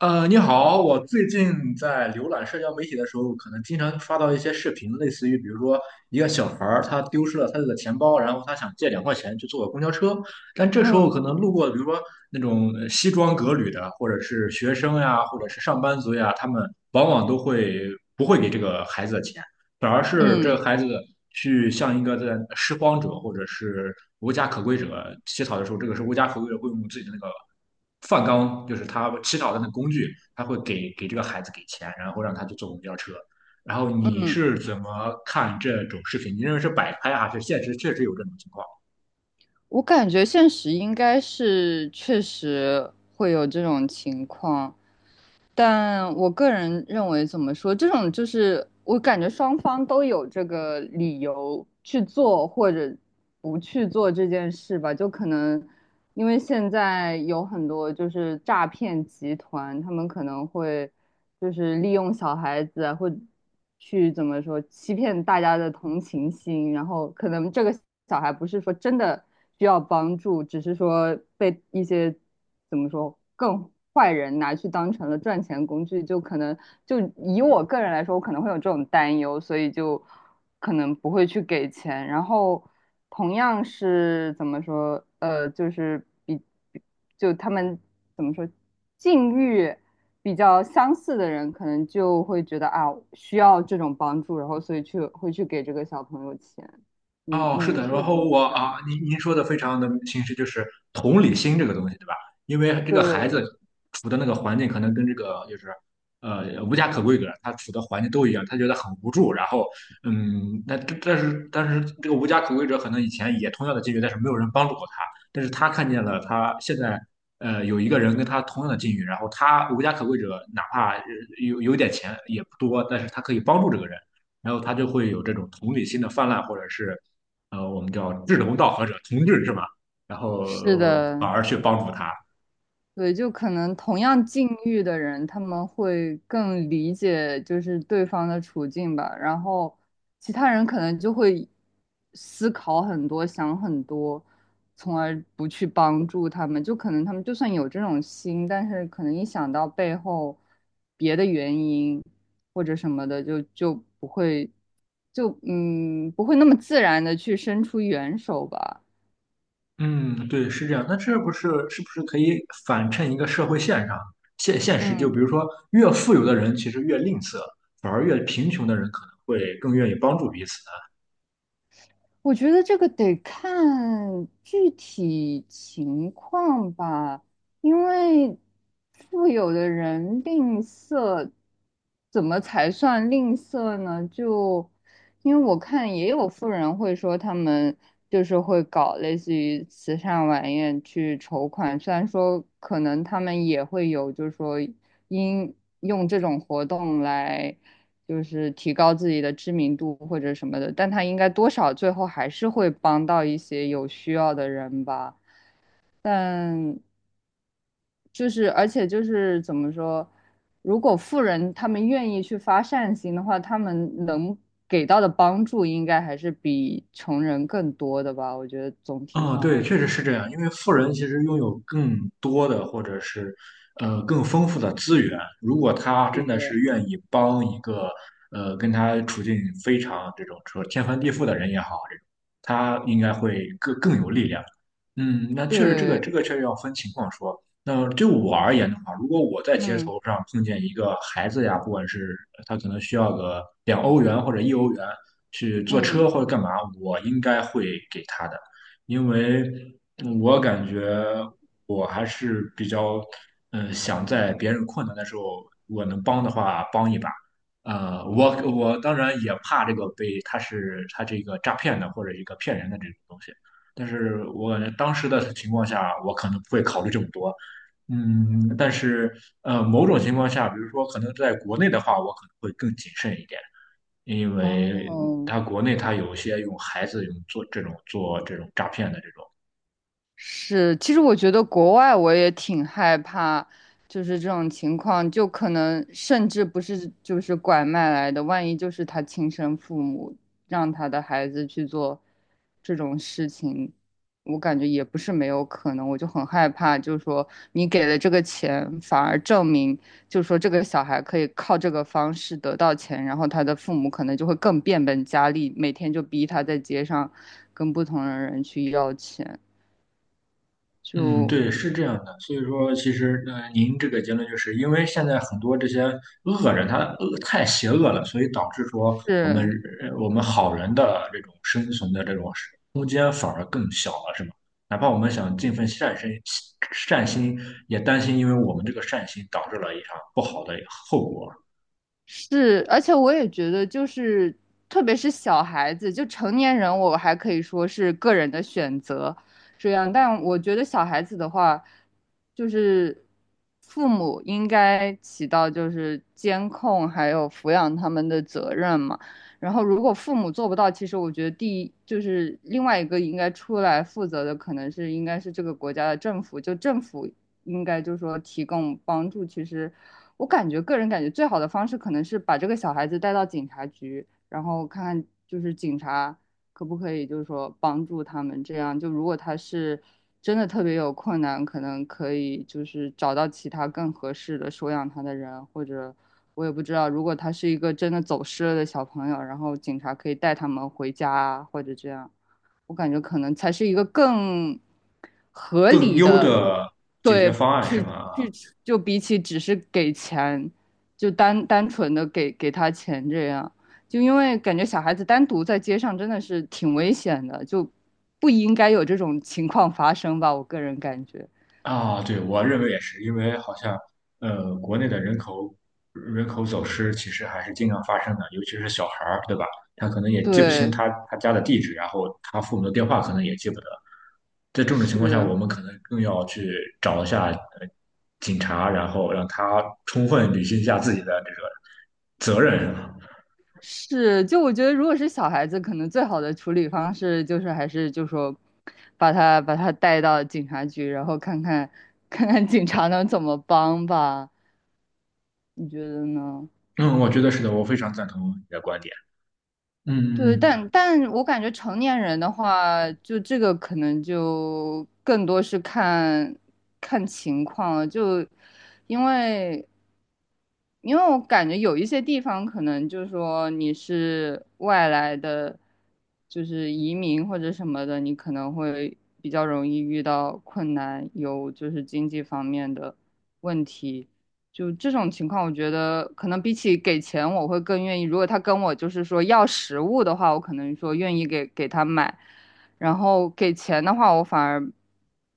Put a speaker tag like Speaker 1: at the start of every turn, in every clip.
Speaker 1: 你好，我最近在浏览社交媒体的时候，可能经常刷到一些视频，类似于比如说一个小孩儿他丢失了他的钱包，然后他想借2块钱去坐个公交车，但这时候
Speaker 2: 嗯
Speaker 1: 可能路过，比如说那种西装革履的，或者是学生呀，或者是上班族呀，他们往往都会不会给这个孩子的钱，反而是这
Speaker 2: 嗯
Speaker 1: 个孩子去向一个在拾荒者或者是无家可归者乞讨的时候，这个是无家可归者会用自己的那个饭缸，就是他乞讨的那个工具，他会给这个孩子给钱，然后让他去坐公交车。然后你
Speaker 2: 嗯，
Speaker 1: 是怎么看这种视频？你认为是摆拍啊还是现实确实有这种情况？
Speaker 2: 我感觉现实应该是确实会有这种情况，但我个人认为怎么说，这种就是我感觉双方都有这个理由去做或者不去做这件事吧，就可能因为现在有很多就是诈骗集团，他们可能会。就是利用小孩子啊或去怎么说欺骗大家的同情心，然后可能这个小孩不是说真的需要帮助，只是说被一些怎么说更坏人拿去当成了赚钱工具，就可能就以我个人来说，我可能会有这种担忧，所以就可能不会去给钱，然后。同样是怎么说？就是他们怎么说，境遇比较相似的人，可能就会觉得啊，需要这种帮助，然后所以去会去给这个小朋友钱。你
Speaker 1: 哦，是
Speaker 2: 你
Speaker 1: 的，然
Speaker 2: 是怎
Speaker 1: 后
Speaker 2: 么
Speaker 1: 我
Speaker 2: 想？
Speaker 1: 啊，您说的非常的清晰，就是同理心这个东西，对吧？因为这个孩
Speaker 2: 对，
Speaker 1: 子处的那个环境可能跟这个就是无家可归者他处的环境都一样，他觉得很无助。然后嗯，那这但是这个无家可归者可能以前也同样的境遇，但是没有人帮助过他，但是他看见了他现在有一个人跟他同样的境遇，然后他无家可归者哪怕有点钱也不多，但是他可以帮助这个人。然后他就会有这种同理心的泛滥，或者是我们叫志同道合者、同志是吧？然后
Speaker 2: 是的，
Speaker 1: 反而去帮助他。
Speaker 2: 对，就可能同样境遇的人，他们会更理解就是对方的处境吧，然后其他人可能就会思考很多，想很多，从而不去帮助他们。就可能他们就算有这种心，但是可能一想到背后别的原因或者什么的，就不会，就不会那么自然的去伸出援手吧。
Speaker 1: 嗯，对，是这样。那这不是是不是可以反衬一个社会现象、现实？就比
Speaker 2: 嗯。
Speaker 1: 如说，越富有的人其实越吝啬，反而越贫穷的人可能会更愿意帮助彼此。
Speaker 2: 我觉得这个得看具体情况吧，因为富有的人吝啬，怎么才算吝啬呢？就因为我看也有富人会说他们就是会搞类似于慈善晚宴去筹款，虽然说可能他们也会有，就是说因用这种活动来。就是提高自己的知名度或者什么的，但他应该多少最后还是会帮到一些有需要的人吧。但就是而且就是怎么说，如果富人他们愿意去发善心的话，他们能给到的帮助应该还是比穷人更多的吧。我觉得总体
Speaker 1: 啊，
Speaker 2: 上
Speaker 1: 对，
Speaker 2: 来，
Speaker 1: 确实是这样。因为富人其实拥有更多的，或者是更丰富的资源。如果他
Speaker 2: 是
Speaker 1: 真的
Speaker 2: 的，
Speaker 1: 是愿意帮一个跟他处境非常这种说天翻地覆的人也好，这种他应该会更有力量。嗯，那确实，这个这
Speaker 2: 对，
Speaker 1: 个确实要分情况说。那对我而言的话，如果我在街
Speaker 2: 嗯
Speaker 1: 头上碰见一个孩子呀，不管是他可能需要个2欧元或者一欧元去坐
Speaker 2: 嗯，
Speaker 1: 车或者干嘛，我应该会给他的，因为我感觉我还是比较，嗯、想在别人困难的时候，我能帮的话帮一把。我当然也怕这个被他是他这个诈骗的或者一个骗人的这种东西。但是我感觉当时的情况下，我可能不会考虑这么多。嗯，但是某种情况下，比如说可能在国内的话，我可能会更谨慎一点，因为
Speaker 2: 哦。
Speaker 1: 他国内他有一些用孩子用做这种诈骗的这种。
Speaker 2: 是，其实我觉得国外我也挺害怕，就是这种情况，就可能甚至不是就是拐卖来的，万一就是他亲生父母让他的孩子去做这种事情，我感觉也不是没有可能，我就很害怕，就是说你给了这个钱，反而证明就是说这个小孩可以靠这个方式得到钱，然后他的父母可能就会更变本加厉，每天就逼他在街上跟不同的人去要钱。
Speaker 1: 嗯，
Speaker 2: 就
Speaker 1: 对，是这样的。所以说，其实您这个结论就是因为现在很多这些恶人他恶太邪恶了，所以导致说我们
Speaker 2: 是
Speaker 1: 呃我们好人的这种生存的这种空间反而更小了，是吗？哪怕我们想尽份善心，善心也担心，因为我们这个善心导致了一场不好的后果。
Speaker 2: 是，而且我也觉得，就是特别是小孩子，就成年人，我还可以说是个人的选择这样，但我觉得小孩子的话，就是父母应该起到就是监控还有抚养他们的责任嘛。然后如果父母做不到，其实我觉得第一就是另外一个应该出来负责的，可能是应该是这个国家的政府，就政府应该就是说提供帮助。其实我感觉个人感觉最好的方式可能是把这个小孩子带到警察局，然后看看就是警察可不可以就是说帮助他们。这样就如果他是真的特别有困难，可能可以就是找到其他更合适的收养他的人，或者我也不知道，如果他是一个真的走失了的小朋友，然后警察可以带他们回家啊，或者这样。我感觉可能才是一个更合
Speaker 1: 更
Speaker 2: 理
Speaker 1: 优
Speaker 2: 的，
Speaker 1: 的解决
Speaker 2: 对，
Speaker 1: 方案是
Speaker 2: 去
Speaker 1: 吗？
Speaker 2: 去就比起只是给钱，就单纯的给他钱这样，就因为感觉小孩子单独在街上真的是挺危险的，就不应该有这种情况发生吧，我个人感觉，
Speaker 1: 啊，对，我认为也是，因为好像国内的人口走失其实还是经常发生的，尤其是小孩儿，对吧？他可能也记不清
Speaker 2: 对，
Speaker 1: 他家的地址，然后他父母的电话可能也记不得。在这种情况下，
Speaker 2: 是。
Speaker 1: 我们可能更要去找一下警察，然后让他充分履行一下自己的这个责任。嗯，
Speaker 2: 是，就我觉得，如果是小孩子，可能最好的处理方式就是还是就说，把他带到警察局，然后看看 看看警察能怎么帮吧。你觉得呢？
Speaker 1: 嗯。我觉得是非常赞同你观点。
Speaker 2: 对，但但我感觉成年人的话，就这个可能就更多是看情况了，就因为因为我感觉有一些地方可能就是说你是外来的，就是移民或者什么的，你可能会比较容易遇到困难，有就是经济方面的问题。就这种情况，我觉得可能比起给钱，我会更愿意。如果他跟我就是说要食物的话，我可能说愿意给他买，然后给钱的话，我反而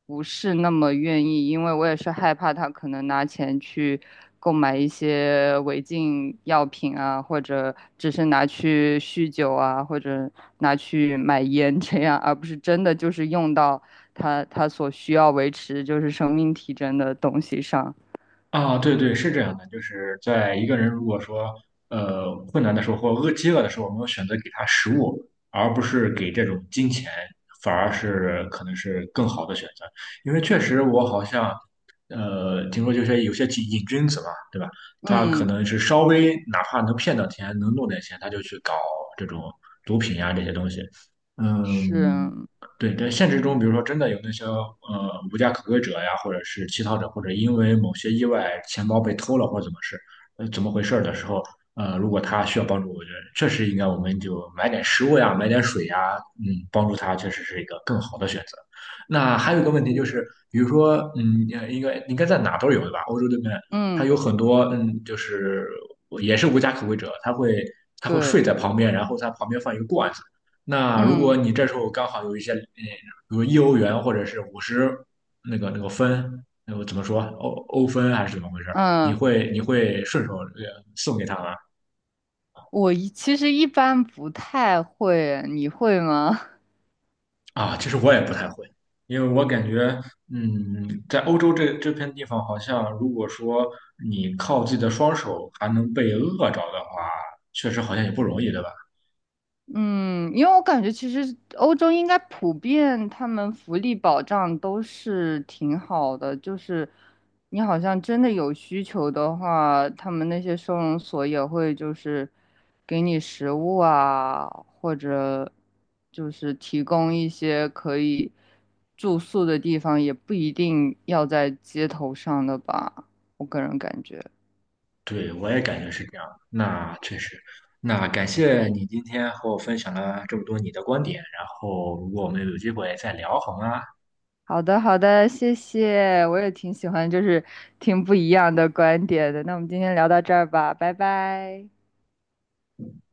Speaker 2: 不是那么愿意，因为我也是害怕他可能拿钱去购买一些违禁药品啊，或者只是拿去酗酒啊，或者拿去买烟这样，而不是真的就是用到他所需要维持就是生命体征的东西上。
Speaker 1: 啊，对对，是这样的，就是在一个人如果说困难的时候或饥饿的时候，我们会选择给他食物，而不是给这种金钱，反而是可能是更好的选择。因为确实我好像听说就是有些瘾君子嘛，对吧？他可
Speaker 2: 嗯。
Speaker 1: 能是稍微哪怕能骗到钱，能弄点钱，他就去搞这种毒品呀、这些东西。嗯，
Speaker 2: 是，
Speaker 1: 对，在现实中，比如说真的有那些无家可归者呀，或者是乞讨者，或者因为某些意外钱包被偷了或者怎么事，怎么回事儿的时候，如果他需要帮助，我觉得确实应该我们就买点食物呀，买点水呀，嗯，帮助他确实是一个更好的选择。那还有一个问题就是，
Speaker 2: 嗯
Speaker 1: 比如说，嗯，应该在哪都有对吧？欧洲这边它
Speaker 2: 嗯，
Speaker 1: 有很多，嗯，就是也是无家可归者，他会睡
Speaker 2: 对，
Speaker 1: 在旁边，然后在旁边放一个罐子。那如果
Speaker 2: 嗯
Speaker 1: 你这时候刚好有一些，嗯，比如一欧元或者是50那个分，那个怎么说欧分还是怎么回事？你
Speaker 2: 嗯，
Speaker 1: 会你会顺手送给他吗？
Speaker 2: 我其实一般不太会，你会吗？
Speaker 1: 啊，其实我也不太会，因为我感觉，嗯，在欧洲这片地方，好像如果说你靠自己的双手还能被饿着的话，确实好像也不容易，对吧？
Speaker 2: 嗯，因为我感觉其实欧洲应该普遍他们福利保障都是挺好的，就是你好像真的有需求的话，他们那些收容所也会就是给你食物啊，或者就是提供一些可以住宿的地方，也不一定要在街头上的吧，我个人感觉。
Speaker 1: 对，我也感觉是这样。那确实，那感谢你今天和我分享了这么多你的观点，然后如果我们有机会再聊，好吗？
Speaker 2: 好的，好的，谢谢，我也挺喜欢，就是听不一样的观点的。那我们今天聊到这儿吧，拜拜。